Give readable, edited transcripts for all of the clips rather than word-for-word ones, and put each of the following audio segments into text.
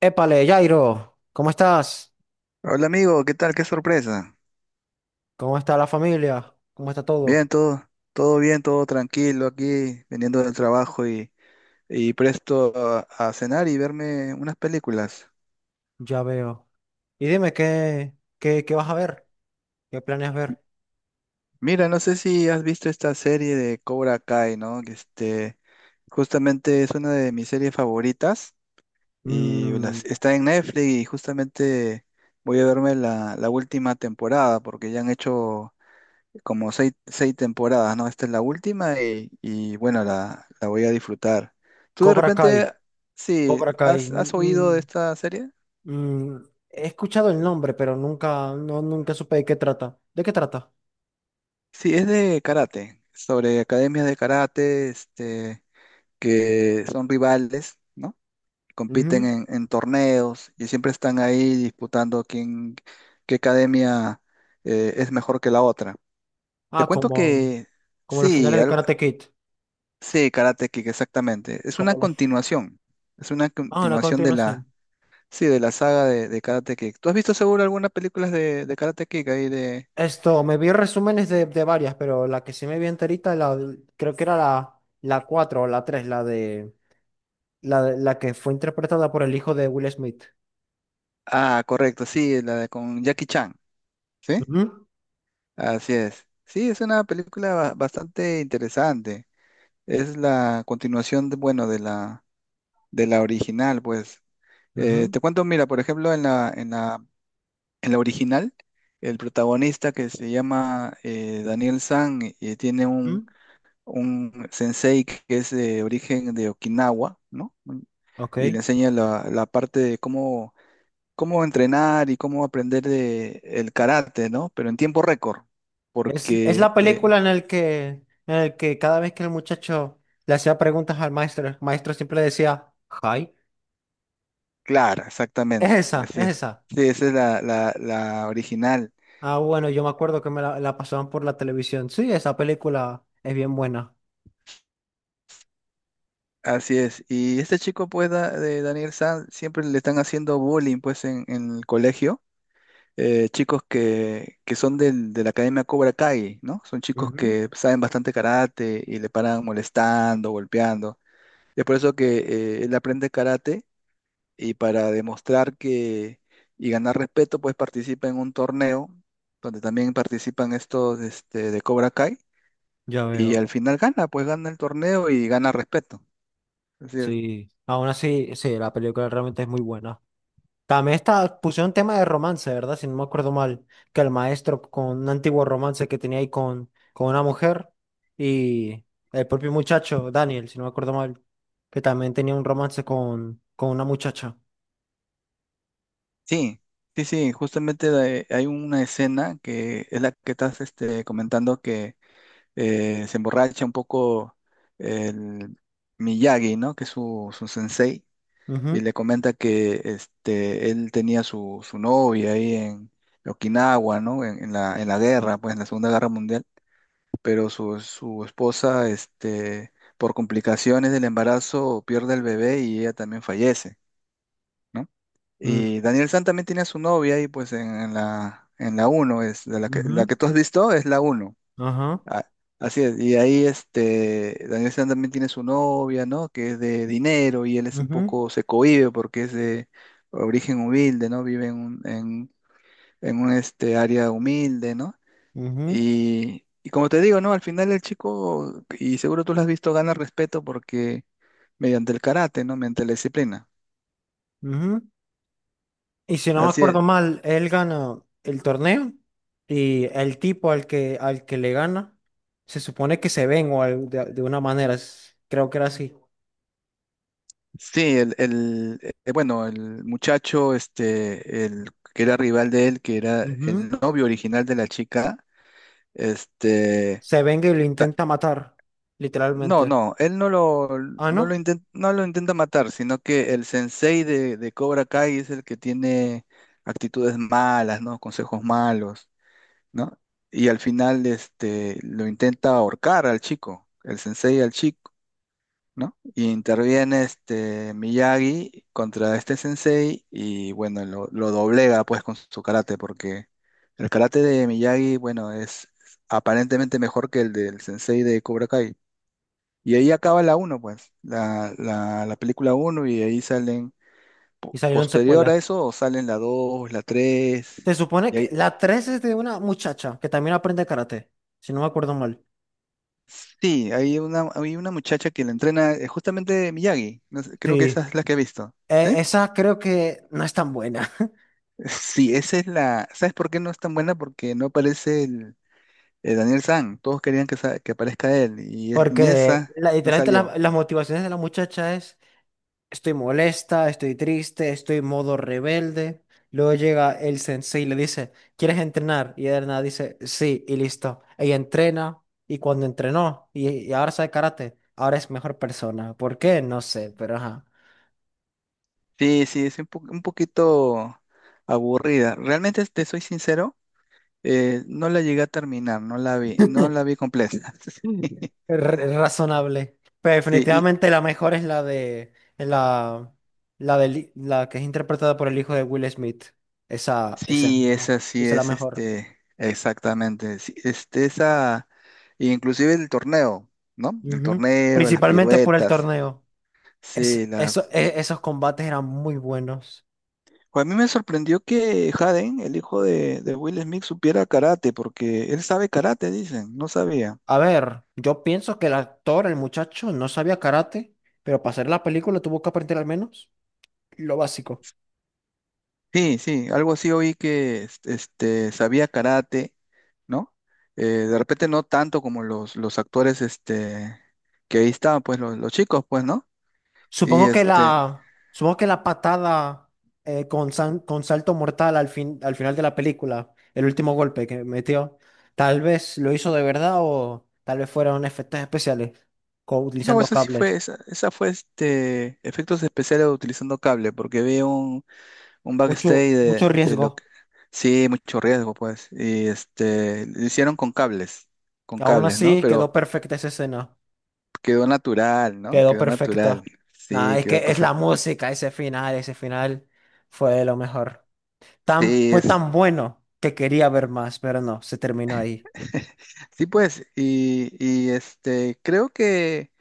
Épale, Jairo, ¿cómo estás? Hola amigo, ¿qué tal? Qué sorpresa. ¿Cómo está la familia? ¿Cómo está todo? Bien, todo bien, todo tranquilo aquí, viniendo del trabajo y presto a cenar y verme unas películas. Ya veo. Y dime, ¿qué vas a ver? ¿Qué planeas ver? Mira, no sé si has visto esta serie de Cobra Kai, ¿no? Justamente es una de mis series favoritas y Mm. está en Netflix y justamente voy a verme la última temporada porque ya han hecho como seis temporadas, ¿no? Esta es la última y la voy a disfrutar. ¿Tú de Cobra Kai, repente, sí, Cobra Kai. has oído de esta serie? mm, mm, He escuchado el nombre, pero nunca supe de qué trata. ¿De qué trata? Sí, es de karate, sobre academias de karate, este, que son rivales, ¿no? Compiten Ujú. En torneos y siempre están ahí disputando quién, qué academia es mejor que la otra. Te Ah, cuento como, que como los sí, finales de Karate Kid. sí, Karate Kid, exactamente. Es una Como los... continuación. Es una Ah, una continuación de la, continuación. sí, de la saga de Karate Kid. ¿Tú has visto seguro algunas películas de Karate Kid ahí de... Esto, me vi resúmenes de varias, pero la que sí me vi enterita, la, creo que era la, la cuatro o la tres, la de, la que fue interpretada por el hijo de Will Smith. Ah, correcto, sí, la de con Jackie Chan, ¿sí? Ujú, Así es. Sí, es una película bastante interesante. Es la continuación, de, bueno, de la original, pues. Ujú, Te cuento, mira, por ejemplo, en la original, el protagonista que se llama Daniel San tiene un ujú. un sensei que es de origen de Okinawa, ¿no? Y le Ok. enseña la parte de cómo, cómo entrenar y cómo aprender de, el karate, ¿no? Pero en tiempo récord, Es la porque, película en el que cada vez que el muchacho le hacía preguntas al maestro, el maestro siempre le decía, hi. claro, Es exactamente, esa, así es es. esa. Sí, esa es la original, Ah, bueno, yo me acuerdo que me la, la pasaban por la televisión. Sí, esa película es bien buena. así es. Y este chico, pues, de Daniel San, siempre le están haciendo bullying, pues, en el colegio chicos que son de la Academia Cobra Kai, ¿no? Son chicos Ujú. que saben bastante karate y le paran molestando, golpeando. Es por eso que él aprende karate y para demostrar que y ganar respeto, pues participa en un torneo donde también participan estos este, de Cobra Kai Ya y veo. al final gana, pues gana el torneo y gana respeto. Así es. Sí, aún así, sí, la película realmente es muy buena. También está, pusieron tema de romance, ¿verdad? Si no me acuerdo mal, que el maestro con un antiguo romance que tenía ahí con una mujer y el propio muchacho, Daniel, si no me acuerdo mal, que también tenía un romance con una muchacha. Sí. Sí, sí, justamente hay una escena que es la que estás este, comentando que se emborracha un poco el Miyagi, ¿no? Que es su, su sensei, y Ujú, le comenta que este, él tenía su, su novia ahí en Okinawa, ¿no? En la guerra, pues en la Segunda Guerra Mundial, pero su esposa, este, por complicaciones del embarazo, pierde el bebé y ella también fallece. ¿No? mm, Y Daniel San también tiene a su novia ahí pues en la uno es de la ujú, que tú has visto es la uno. ajá, Ah, así es, y ahí este, Daniel San también tiene su novia, ¿no? Que es de dinero y él es un ujú, poco, se cohíbe porque es de origen humilde, ¿no? Vive en un este, área humilde, ¿no? ujú, Y como te digo, ¿no? Al final el chico, y seguro tú lo has visto, gana respeto porque mediante el karate, ¿no? Mediante la disciplina. ujú. Y si no me Así es. acuerdo mal, él gana el torneo y el tipo al que le gana se supone que se venga de una manera, creo que era así. Sí, bueno, el muchacho, este, el que era rival de él, que era el Ujú. novio original de la chica, Este, Se venga y lo ta- intenta matar, no, literalmente. no, él no lo, Ah, no lo ¿no? intenta, no lo intenta matar, sino que el sensei de Cobra Kai es el que tiene actitudes malas, ¿no? Consejos malos, ¿no? Y al final, este, lo intenta ahorcar al chico, el sensei al chico, ¿no? Y interviene este Miyagi contra este sensei y bueno, lo doblega pues con su karate porque el karate de Miyagi, bueno, es aparentemente mejor que el del sensei de Cobra Kai. Y ahí acaba la uno pues, la película uno y ahí salen, Y salieron posterior secuelas. a eso, salen la 2 la tres. Se supone Y que ahí, la 3 es de una muchacha que también aprende karate, si no me acuerdo mal. sí, hay una muchacha que la entrena justamente Miyagi, no sé, creo que esa Sí. es la que he visto. ¿Sí? Esa creo que no es tan buena, Sí, esa es la. ¿Sabes por qué no es tan buena? Porque no aparece el Daniel San. Todos querían que, que aparezca él. Y en porque esa no literalmente salió. las motivaciones de la muchacha es: estoy molesta, estoy triste, estoy modo rebelde. Luego llega el sensei y le dice, ¿quieres entrenar? Y Erna dice, sí, y listo. Ella entrena, y cuando entrenó, y ahora sabe karate, ahora es mejor persona. ¿Por qué? No sé, pero ajá. Sí, sí, es un, un poquito aburrida. Realmente, te soy sincero, no la llegué a terminar, no la vi, no la vi completa. Razonable. Pero Sí, definitivamente la mejor es la de la que es interpretada por el hijo de Will Smith. Esa sí, esa sí esa es la es mejor. este, exactamente. Sí, este, esa, inclusive el torneo, ¿no? El Ujú. torneo, las Principalmente por el piruetas. torneo. Sí, la. Esos combates eran muy buenos. Pues a mí me sorprendió que Jaden, el hijo de Will Smith, supiera karate, porque él sabe karate, dicen, no sabía. A ver, yo pienso que el actor, el muchacho, no sabía karate, pero para hacer la película tuvo que aprender al menos lo básico. Sí, sí, algo así oí que este, sabía karate, ¿no? De repente no tanto como los actores este, que ahí estaban, pues los chicos, pues, ¿no? Y este, Supongo que la patada con, con salto mortal al final de la película, el último golpe que metió, tal vez lo hizo de verdad o tal vez fueron efectos especiales, no, utilizando eso sí fue, cables. esa fue este, efectos especiales utilizando cable, porque veo un Mucho, backstage mucho de lo riesgo. que... Sí, mucho riesgo, pues. Y este, lo hicieron con Aún cables, ¿no? así quedó Pero perfecta esa escena. quedó natural, ¿no? Quedó Quedó natural. perfecta. Nada, Sí, es quedó que es la perfecto. música, ese final fue de lo mejor. Sí, Fue es... tan bueno que quería ver más, pero no, se terminó ahí. sí, pues. Y este, creo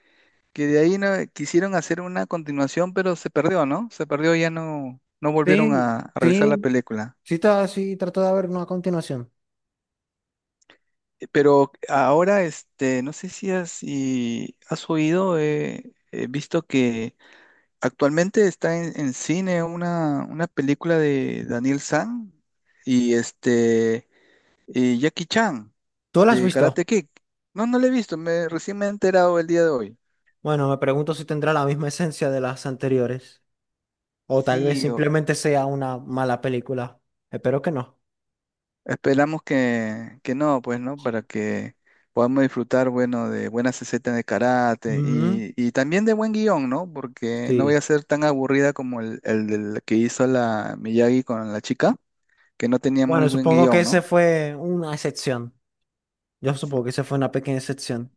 que de ahí no, quisieron hacer una continuación, pero se perdió, ¿no? Se perdió, ya no, no volvieron Sí, a realizar la sí, película. sí, sí, trato de ver una continuación. Pero ahora, este, no sé si has, si has oído, he visto que actualmente está en cine una película de Daniel San y este y Jackie Chan ¿Tú la has de visto? Karate Kid. No, no la he visto, me recién me he enterado el día de hoy. Bueno, me pregunto si tendrá la misma esencia de las anteriores. O tal vez Sí, simplemente sea una mala película. Espero que no. esperamos que no, pues, ¿no? Para que podamos disfrutar, bueno, de buenas escenas de karate Ujú. Y también de buen guión, ¿no? Porque no voy a Sí. ser tan aburrida como el del que hizo la Miyagi con la chica, que no tenía muy Bueno, buen supongo que guión, ese ¿no? fue una excepción. Yo supongo que ese fue una pequeña excepción.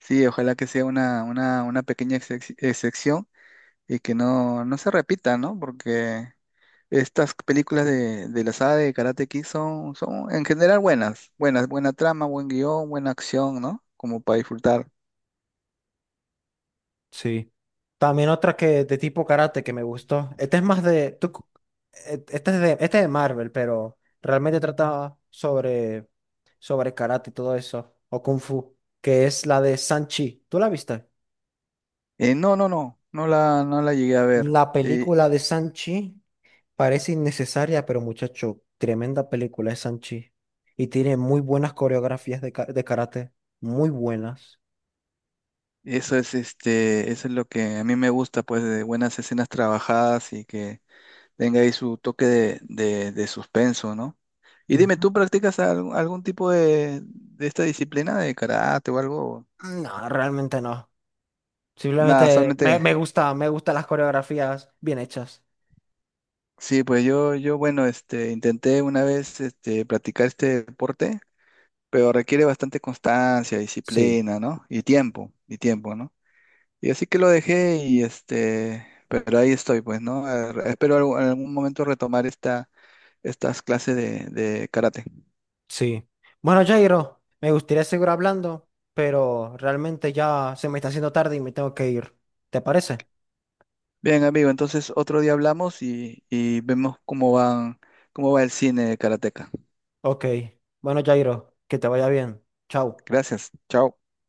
Sí, ojalá que sea una pequeña excepción y que no, no se repita, ¿no? Porque estas películas de la saga de Karate Kid son, son en general buenas, buenas, buena trama, buen guión, buena acción, ¿no? Como para disfrutar. Sí. También otra que de tipo karate que me gustó. Este es más de. Este es de, este es de Marvel, pero realmente trata sobre karate y todo eso. O Kung Fu. Que es la de Sanchi. ¿Tú la viste? No, no la, no la llegué a ver. La Eh, película de Sanchi parece innecesaria, pero muchacho, tremenda película es Sanchi. Y tiene muy buenas coreografías de karate. Muy buenas. eso es, este, eso es lo que a mí me gusta, pues, de buenas escenas trabajadas y que tenga ahí su toque de, de suspenso, ¿no? Y dime, Ujú. ¿tú practicas algún, algún tipo de esta disciplina de karate o algo? No, realmente no. Nada, Simplemente solamente, me gusta, me gustan las coreografías bien hechas. sí, pues yo, bueno, este, intenté una vez, este, practicar este deporte, pero requiere bastante constancia, Sí. disciplina, ¿no? Y tiempo, ¿no? Y así que lo dejé y, este, pero ahí estoy, pues, ¿no? Espero en algún momento retomar esta, estas clases de karate. Sí. Bueno, Jairo, me gustaría seguir hablando, pero realmente ya se me está haciendo tarde y me tengo que ir. ¿Te parece? Bien, amigo, entonces otro día hablamos y vemos cómo van, cómo va el cine de Karateka. Ok. Bueno, Jairo, que te vaya bien. Chao. Gracias, chao.